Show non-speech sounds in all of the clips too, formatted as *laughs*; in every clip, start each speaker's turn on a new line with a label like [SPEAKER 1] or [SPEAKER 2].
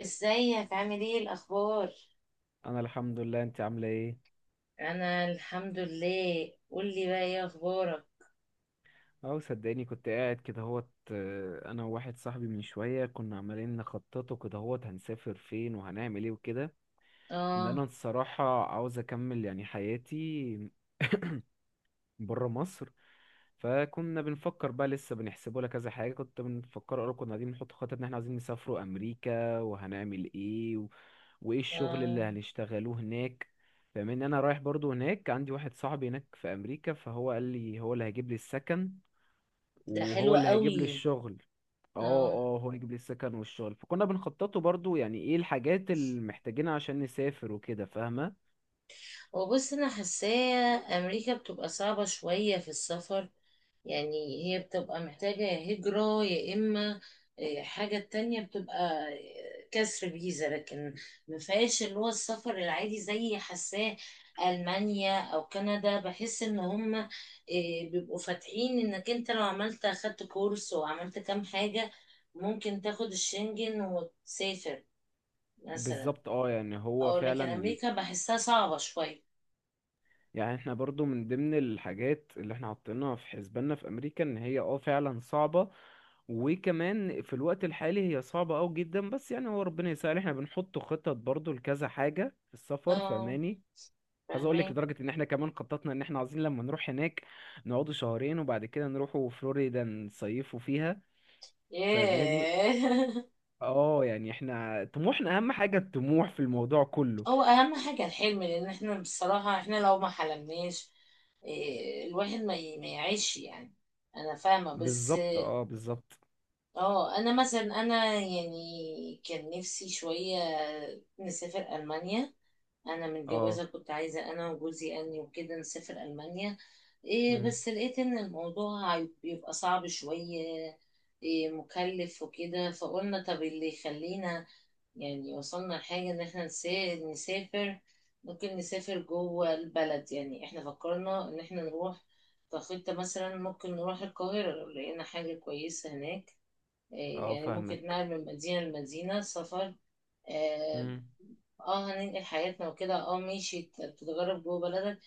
[SPEAKER 1] ازيك؟ عامل ايه؟ الاخبار؟
[SPEAKER 2] انا الحمد لله، انت عامله ايه؟
[SPEAKER 1] انا الحمد لله. قولي بقى، ايه اخبارك؟
[SPEAKER 2] اه صدقني كنت قاعد كده هوت آه، انا وواحد صاحبي من شويه كنا عمالين نخططه كده هنسافر فين وهنعمل ايه وكده.
[SPEAKER 1] اه.
[SPEAKER 2] انا الصراحه عاوز اكمل يعني حياتي *coughs* بره مصر. فكنا بنفكر بقى لسه بنحسبه لك كذا حاجه، كنت بنفكر اقول كنا قاعدين بنحط خطط ان احنا عايزين نسافروا امريكا وهنعمل ايه وايه الشغل اللي
[SPEAKER 1] اه،
[SPEAKER 2] هنشتغلوه هناك. فمن انا رايح برضو هناك، عندي واحد صاحبي هناك في امريكا، فهو قال لي هو اللي هيجيب لي السكن
[SPEAKER 1] ده
[SPEAKER 2] وهو
[SPEAKER 1] حلو
[SPEAKER 2] اللي هيجيب لي
[SPEAKER 1] قوي.
[SPEAKER 2] الشغل. اه
[SPEAKER 1] اه.
[SPEAKER 2] اه، هو يجيب لي السكن والشغل، فكنا بنخططه برضو يعني ايه الحاجات اللي محتاجينها عشان نسافر وكده، فاهمة؟
[SPEAKER 1] وبص، انا حاساه امريكا بتبقى صعبة شوية في السفر. يعني هي بتبقى محتاجة يا هجرة، يا إما حاجة تانية، بتبقى كسر فيزا. لكن ما فيهاش اللي هو السفر العادي، زي حاساه ألمانيا أو كندا. بحس إن هم بيبقوا فاتحين إنك أنت لو عملت، أخدت كورس وعملت كام حاجة، ممكن تاخد الشنجن وتسافر مثلا.
[SPEAKER 2] بالظبط اه، يعني هو
[SPEAKER 1] أو لكن
[SPEAKER 2] فعلا
[SPEAKER 1] أمريكا بحسها صعبة شوية.
[SPEAKER 2] يعني احنا برضو من ضمن الحاجات اللي احنا حاطينها في حسباننا في امريكا ان هي اه فعلا صعبة. وكمان في الوقت الحالي هي صعبة اوي جدا، بس يعني هو ربنا يسهل، احنا بنحط خطط برضو لكذا حاجة في السفر،
[SPEAKER 1] اه،
[SPEAKER 2] فاهماني؟ عايز اقول لك
[SPEAKER 1] فاهمين.
[SPEAKER 2] لدرجة ان احنا كمان خططنا ان احنا عايزين لما نروح هناك نقعدوا شهرين وبعد كده نروحوا فلوريدا نصيفوا فيها. فاهماني؟
[SPEAKER 1] ياه *laughs*
[SPEAKER 2] اه، يعني احنا طموحنا اهم حاجة، الطموح في الموضوع كله.
[SPEAKER 1] هو اهم حاجه الحلم، لان احنا بصراحه، احنا لو ما حلمناش إيه، الواحد ما يعيش يعني. انا فاهمه، بس
[SPEAKER 2] بالظبط اه بالظبط.
[SPEAKER 1] اه. انا مثلا، يعني كان نفسي شويه نسافر المانيا. انا
[SPEAKER 2] اه.
[SPEAKER 1] متجوزه، كنت عايزه انا وجوزي اني وكده نسافر المانيا. إيه،
[SPEAKER 2] مم.
[SPEAKER 1] بس لقيت ان بيبقى صعب شويه. إيه، مكلف وكده. فقلنا طب اللي يخلينا يعني، وصلنا لحاجة إن إحنا نسافر. ممكن نسافر جوه البلد. يعني إحنا فكرنا إن إحنا نروح كخطة، مثلا ممكن نروح القاهرة لو لقينا حاجة كويسة هناك. إيه
[SPEAKER 2] اه
[SPEAKER 1] يعني، ممكن
[SPEAKER 2] فاهمك.
[SPEAKER 1] نتنقل من مدينة لمدينة سفر. آه. آه، هننقل حياتنا وكده. آه ماشي، تتغرب جوه بلدك.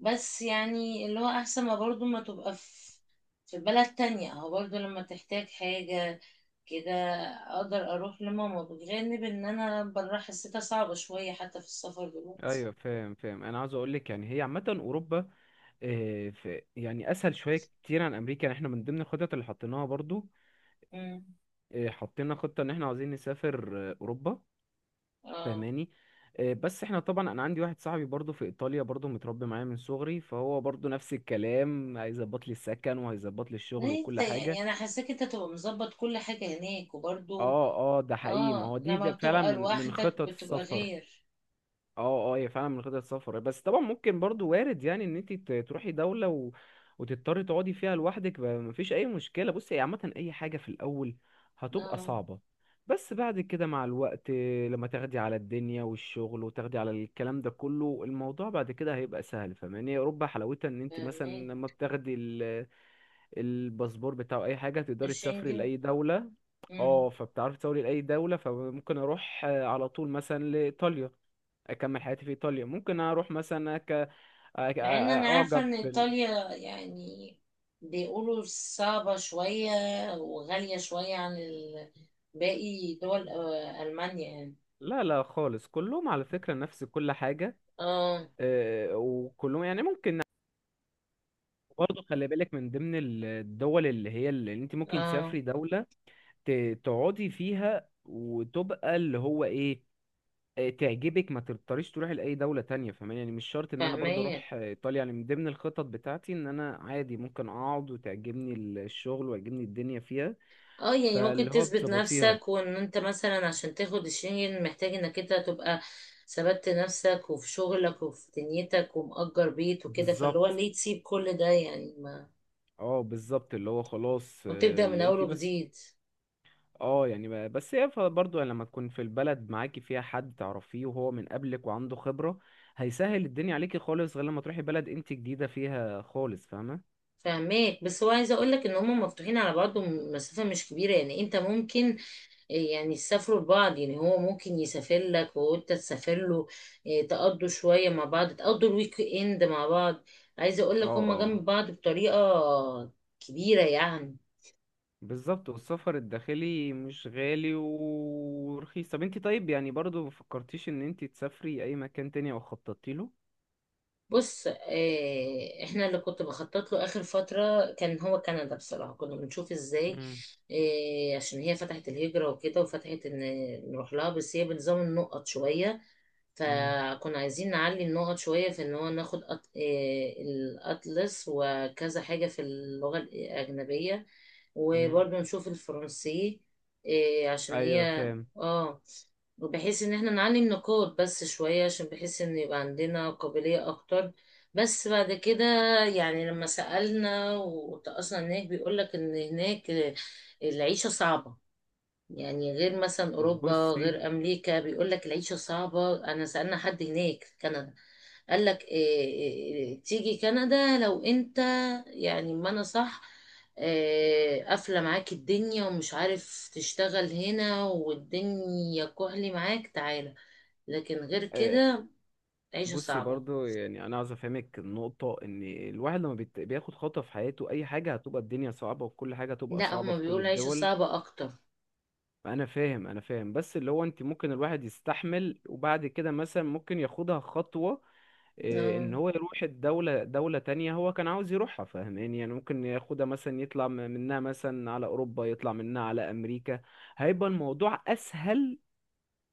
[SPEAKER 1] بس يعني اللي هو أحسن ما برضو ما تبقى في في بلد تانية، أو برضو لما تحتاج حاجة كده، اقدر اروح لماما. بجانب ان انا بره حسيتها صعبة شوية، حتى في السفر دلوقتي.
[SPEAKER 2] ايوه فاهم فاهم، انا عاوز اقول لك يعني هي عامه اوروبا في يعني اسهل شويه كتير عن امريكا. يعني احنا من ضمن الخطط اللي حطيناها برضو
[SPEAKER 1] امم.
[SPEAKER 2] حطينا خطه ان احنا عاوزين نسافر اوروبا.
[SPEAKER 1] اه،
[SPEAKER 2] فاهماني؟ بس احنا طبعا انا عندي واحد صاحبي برضو في ايطاليا، برضو متربي معايا من صغري، فهو برضو نفس الكلام، هيظبط لي السكن وهيظبط لي الشغل
[SPEAKER 1] ليه انت
[SPEAKER 2] وكل حاجه.
[SPEAKER 1] يعني؟ انا حاساك انت تبقى مظبط كل حاجة هناك وبرضو.
[SPEAKER 2] اه اه ده حقيقي، ما
[SPEAKER 1] اه،
[SPEAKER 2] هو دي
[SPEAKER 1] لما
[SPEAKER 2] ده فعلا
[SPEAKER 1] بتبقى
[SPEAKER 2] من
[SPEAKER 1] لوحدك
[SPEAKER 2] خطط
[SPEAKER 1] بتبقى
[SPEAKER 2] السفر.
[SPEAKER 1] غير.
[SPEAKER 2] اه اه هي فعلا من خطط السفر، بس طبعا ممكن برضو وارد يعني ان انت تروحي دولة و وتضطري تقعدي فيها لوحدك مفيش اي مشكلة. بصي، هي عامة اي حاجة في الاول هتبقى
[SPEAKER 1] اه،
[SPEAKER 2] صعبة، بس بعد كده مع الوقت لما تاخدي على الدنيا والشغل وتاخدي على الكلام ده كله، الموضوع بعد كده هيبقى سهل. فاهماني؟ اوروبا حلاوتها ان انت
[SPEAKER 1] فاهمين.
[SPEAKER 2] مثلا لما بتاخدي الباسبور بتاع اي حاجة تقدري تسافري
[SPEAKER 1] الشنجن.
[SPEAKER 2] لاي دولة.
[SPEAKER 1] امم.
[SPEAKER 2] اه، فبتعرفي تسافري لاي دولة، فممكن اروح على طول مثلا لايطاليا، اكمل حياتي في ايطاليا، ممكن اروح مثلا
[SPEAKER 1] مع ان انا عارفة
[SPEAKER 2] اعجب
[SPEAKER 1] ان ايطاليا يعني بيقولوا صعبة شوية وغالية شوية عن باقي دول، المانيا يعني.
[SPEAKER 2] لا لا خالص، كلهم على فكرة نفس كل حاجة.
[SPEAKER 1] اه.
[SPEAKER 2] وكلهم يعني ممكن، برضه خلي بالك من ضمن الدول اللي هي اللي انت ممكن
[SPEAKER 1] اه،
[SPEAKER 2] تسافري دولة تقعدي فيها وتبقى اللي هو ايه، تعجبك، ما تضطريش تروحي لأي دولة تانية. فاهماني؟ يعني مش شرط ان انا برضه
[SPEAKER 1] فاهمية.
[SPEAKER 2] اروح ايطاليا يعني، من ضمن الخطط بتاعتي ان انا عادي ممكن اقعد وتعجبني الشغل ويعجبني الدنيا فيها،
[SPEAKER 1] اه، يعني ممكن
[SPEAKER 2] فاللي هو
[SPEAKER 1] تثبت
[SPEAKER 2] بتظبطيها.
[SPEAKER 1] نفسك. وان انت مثلا عشان تاخد الشنجن محتاج انك انت تبقى ثبت نفسك، وفي شغلك وفي دنيتك ومأجر بيت وكده، فاللي هو
[SPEAKER 2] بالظبط
[SPEAKER 1] ليه تسيب كل ده يعني ما.
[SPEAKER 2] اه بالظبط، اللي هو خلاص
[SPEAKER 1] وتبدأ من اول
[SPEAKER 2] لقيتي بس.
[SPEAKER 1] وجديد.
[SPEAKER 2] اه يعني بس هي برضه يعني لما تكون في البلد معاكي فيها حد تعرفيه وهو من قبلك وعنده خبرة، هيسهل الدنيا عليكي خالص، غير لما تروحي بلد انت جديدة فيها خالص، فاهمة؟
[SPEAKER 1] فاهماك. بس هو عايزه اقول لك ان هم مفتوحين على بعض، مسافه مش كبيره. يعني انت ممكن إيه يعني، يسافروا لبعض. يعني هو ممكن يسافر لك وانت تسافر له. إيه، تقضوا شوية مع بعض، تقضوا الويك اند مع بعض. عايزة اقول لك
[SPEAKER 2] اه
[SPEAKER 1] هما
[SPEAKER 2] اه
[SPEAKER 1] جنب بعض بطريقة كبيرة يعني.
[SPEAKER 2] بالظبط، والسفر الداخلي مش غالي ورخيص. طب انت طيب يعني برضه ما فكرتيش ان انت تسافري اي مكان تاني او خططتي له؟
[SPEAKER 1] بص إيه، احنا اللي كنت بخطط له اخر فترة كان هو كندا. بصراحة كنا بنشوف ازاي
[SPEAKER 2] مم.
[SPEAKER 1] إيه، عشان هي فتحت الهجرة وكده، وفتحت ان نروح لها. بس هي بنظام النقط شوية،
[SPEAKER 2] مم.
[SPEAKER 1] فكنا عايزين نعلي النقط شوية، في ان هو ناخد أط... آه، الأطلس وكذا حاجة في اللغة الأجنبية.
[SPEAKER 2] مم.
[SPEAKER 1] وبرضه نشوف الفرنسي، عشان
[SPEAKER 2] ايوه
[SPEAKER 1] هي
[SPEAKER 2] فاهم.
[SPEAKER 1] اه. وبحيث ان احنا نعلي النقاط بس شوية، عشان بحيث ان يبقى عندنا قابلية اكتر. بس بعد كده يعني، لما سألنا وتأصلنا هناك، بيقولك ان هناك العيشة صعبة. يعني غير مثلا اوروبا،
[SPEAKER 2] بصي
[SPEAKER 1] غير امريكا، بيقول لك العيشه صعبه. انا سالنا حد هناك في كندا، قال لك إيه؟ إيه تيجي كندا؟ لو انت يعني ما انا صح، إيه، قافله معاك الدنيا ومش عارف تشتغل هنا والدنيا كحلي معاك، تعالى. لكن غير كده، عيشه
[SPEAKER 2] بصي
[SPEAKER 1] صعبه.
[SPEAKER 2] برضو، يعني انا عاوز افهمك النقطه ان الواحد لما بياخد خطوه في حياته، اي حاجه هتبقى الدنيا صعبه وكل حاجه هتبقى
[SPEAKER 1] لا،
[SPEAKER 2] صعبه
[SPEAKER 1] هما
[SPEAKER 2] في كل
[SPEAKER 1] بيقولوا عيشه
[SPEAKER 2] الدول.
[SPEAKER 1] صعبه اكتر.
[SPEAKER 2] انا فاهم انا فاهم، بس اللي هو انت ممكن الواحد يستحمل وبعد كده مثلا ممكن ياخدها خطوه. إيه،
[SPEAKER 1] اه
[SPEAKER 2] ان هو يروح الدولة دولة تانية هو كان عاوز يروحها، فاهماني؟ يعني ممكن ياخدها مثلا يطلع منها مثلا على اوروبا، يطلع منها على امريكا، هيبقى الموضوع اسهل.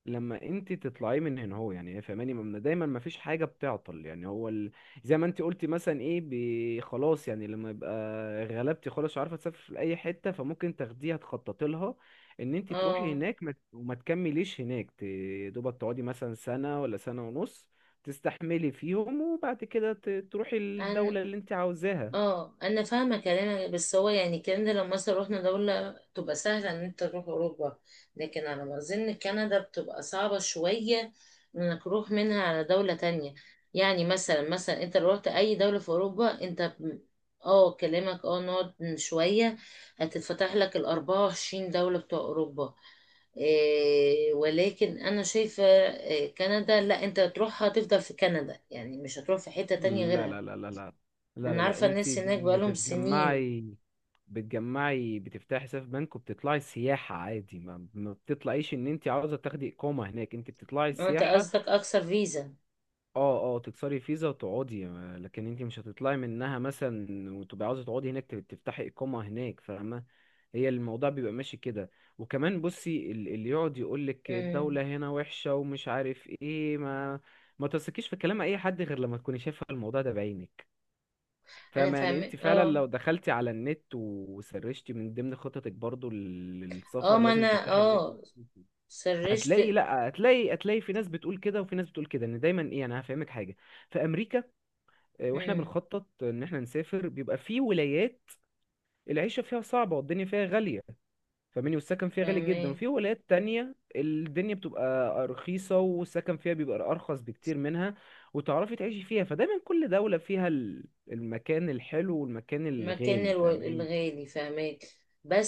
[SPEAKER 2] لما انت تطلعي من هنا، هو يعني فاهماني، دايما ما فيش حاجه بتعطل. يعني زي ما انت قلتي مثلا ايه، خلاص يعني لما يبقى غلبتي خلاص مش عارفه تسافري لاي حته، فممكن تاخديها تخططي لها ان انت تروحي
[SPEAKER 1] اه،
[SPEAKER 2] هناك ما... ت- وما تكمليش هناك، دوبك تقعدي مثلا سنه ولا سنه ونص، تستحملي فيهم، وبعد كده تروحي
[SPEAKER 1] انا
[SPEAKER 2] الدوله اللي انت عاوزاها.
[SPEAKER 1] اه، انا فاهمه كلامك. بس هو يعني الكلام ده لو مثلا رحنا دوله، تبقى سهله ان انت تروح اوروبا. لكن على ما اظن كندا بتبقى صعبه شويه انك تروح منها على دوله تانية. يعني مثلا، انت لو رحت اي دوله في اوروبا انت كلامك. اه نقعد شويه. هتتفتح لك ال 24 دوله بتوع اوروبا. إيه، ولكن انا شايفه إيه، كندا لا، انت تروحها تفضل في كندا، يعني مش هتروح في حته تانية
[SPEAKER 2] لا
[SPEAKER 1] غيرها.
[SPEAKER 2] لا لا لا لا لا لا
[SPEAKER 1] انا
[SPEAKER 2] لا،
[SPEAKER 1] عارفه
[SPEAKER 2] انت
[SPEAKER 1] الناس هناك بقالهم سنين.
[SPEAKER 2] بتجمعي، بتجمعي بتفتحي حساب بنك وبتطلعي سياحة عادي، ما بتطلعيش ان انت عاوزة تاخدي اقامة هناك، انت بتطلعي
[SPEAKER 1] انت
[SPEAKER 2] سياحة.
[SPEAKER 1] قصدك اكثر فيزا؟
[SPEAKER 2] اه اه تكسري فيزا وتقعدي، لكن انت مش هتطلعي منها مثلا وتبقي عاوزة تقعدي هناك تفتحي اقامة هناك، فاهمة؟ هي الموضوع بيبقى ماشي كده. وكمان بصي اللي يقعد يقولك
[SPEAKER 1] امم.
[SPEAKER 2] الدولة هنا وحشة ومش عارف ايه، ما تثقيش في كلام اي حد غير لما تكوني شايفة الموضوع ده بعينك.
[SPEAKER 1] انا
[SPEAKER 2] فاهمة؟ يعني
[SPEAKER 1] فاهم
[SPEAKER 2] انت فعلا
[SPEAKER 1] اه.
[SPEAKER 2] لو دخلتي على النت وسرشتي من ضمن خططك برضو
[SPEAKER 1] اه،
[SPEAKER 2] للسفر،
[SPEAKER 1] ما
[SPEAKER 2] لازم
[SPEAKER 1] انا
[SPEAKER 2] تفتحي النت
[SPEAKER 1] اه،
[SPEAKER 2] وتشوفي.
[SPEAKER 1] سرشت.
[SPEAKER 2] هتلاقي، لا، هتلاقي، هتلاقي في ناس بتقول كده وفي ناس بتقول كده. ان دايما ايه، انا هفهمك حاجة. في امريكا واحنا
[SPEAKER 1] امم.
[SPEAKER 2] بنخطط ان احنا نسافر، بيبقى في ولايات العيشة فيها صعبة والدنيا فيها غالية، فاهمني؟ والسكن فيها غالي جدا.
[SPEAKER 1] فاهمه.
[SPEAKER 2] وفي ولايات تانية الدنيا بتبقى رخيصة والسكن فيها بيبقى أرخص بكتير منها، وتعرفي تعيشي فيها. فدايما كل دولة فيها المكان الحلو والمكان
[SPEAKER 1] المكان
[SPEAKER 2] الغالي، فاهمين؟
[SPEAKER 1] الغالي، فهماك.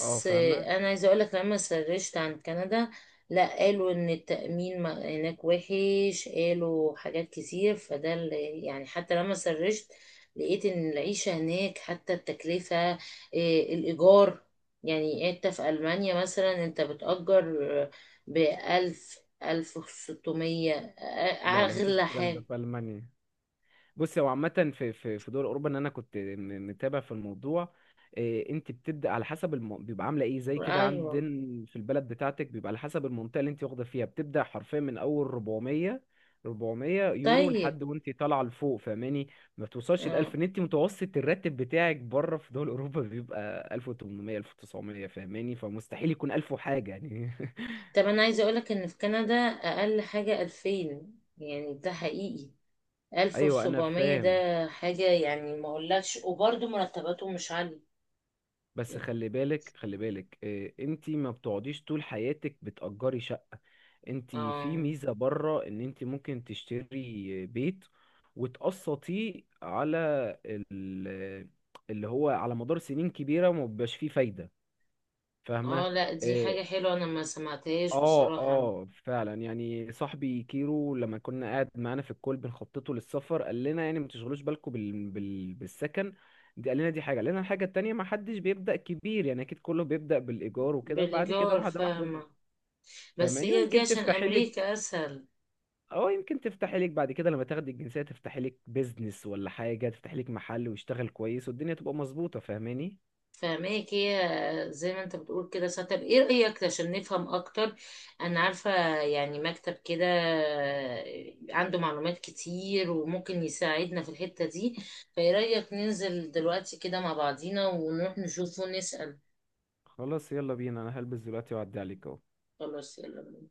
[SPEAKER 2] اه، فاهمة.
[SPEAKER 1] انا عايزه اقولك، لما سرشت عن كندا، لا، قالوا ان التأمين هناك وحش. قالوا حاجات كتير، فده يعني حتى لما سرشت، لقيت ان العيشة هناك حتى التكلفة الإيجار. يعني انت في ألمانيا مثلا انت بتأجر بألف، ألف وستمية،
[SPEAKER 2] لا لا، مفيش
[SPEAKER 1] أغلى
[SPEAKER 2] الكلام ده
[SPEAKER 1] حاجة.
[SPEAKER 2] في ألمانيا. بص، هو عامة في دول أوروبا، إن أنا كنت متابع في الموضوع. إيه، أنت بتبدأ على حسب بيبقى عاملة إيه زي كده.
[SPEAKER 1] أيوة.
[SPEAKER 2] عندنا في البلد بتاعتك بيبقى على حسب المنطقة اللي أنت واخدة فيها، بتبدأ حرفيا من أول 400 400 يورو
[SPEAKER 1] طيب.
[SPEAKER 2] لحد وأنت طالعة لفوق، فاهماني؟ ما بتوصلش ل 1000،
[SPEAKER 1] اه،
[SPEAKER 2] إن أنت متوسط الراتب بتاعك بره في دول أوروبا بيبقى 1800 1900، فاهماني؟ فمستحيل يكون 1000 وحاجة يعني.
[SPEAKER 1] طب انا عايزه اقولك ان في كندا اقل حاجه 2000، يعني ده حقيقي.
[SPEAKER 2] *laughs* أيوه أنا
[SPEAKER 1] 1700 ده
[SPEAKER 2] فاهم،
[SPEAKER 1] حاجه يعني ما اقولكش. وبرضه مرتباتهم مش عاليه.
[SPEAKER 2] بس خلي بالك خلي بالك، إيه، انتي ما بتقعديش طول حياتك بتأجري شقة. انتي
[SPEAKER 1] اه
[SPEAKER 2] في ميزة بره ان انتي ممكن تشتري بيت وتقسطيه على ال- اللي هو على مدار سنين كبيرة وما بيبقاش فيه فايدة،
[SPEAKER 1] اه،
[SPEAKER 2] فاهمة؟
[SPEAKER 1] لا دي
[SPEAKER 2] آه،
[SPEAKER 1] حاجه حلوه، انا ما سمعتهاش
[SPEAKER 2] اه
[SPEAKER 1] بصراحه.
[SPEAKER 2] اه فعلا يعني صاحبي كيرو لما كنا قاعد معانا في الكول بنخططه للسفر قال لنا يعني ما تشغلوش بالكم بالسكن، دي قال لنا. دي حاجه قال لنا الحاجه التانيه، ما حدش بيبدا كبير، يعني اكيد كله بيبدا بالايجار وكده، وبعد كده
[SPEAKER 1] بالايجار
[SPEAKER 2] واحده واحده
[SPEAKER 1] فاهمه. بس
[SPEAKER 2] فاهماني،
[SPEAKER 1] هي دي
[SPEAKER 2] ويمكن
[SPEAKER 1] عشان
[SPEAKER 2] تفتحي لك.
[SPEAKER 1] امريكا اسهل.
[SPEAKER 2] اه يمكن تفتحي لك بعد كده لما تاخدي الجنسيه تفتحي لك بيزنس ولا حاجه، تفتحي لك محل ويشتغل كويس والدنيا تبقى مظبوطه، فاهماني؟
[SPEAKER 1] فاهماك، هي زي ما انت بتقول كده ساعة. طب ايه رأيك عشان نفهم اكتر؟ انا عارفة يعني مكتب كده عنده معلومات كتير، وممكن يساعدنا في الحتة دي. فايه رأيك ننزل دلوقتي كده مع بعضينا، ونروح نشوفه ونسأل؟
[SPEAKER 2] خلاص، يلا بينا، انا هلبس دلوقتي واعدي عليك اهو.
[SPEAKER 1] خلاص يلا.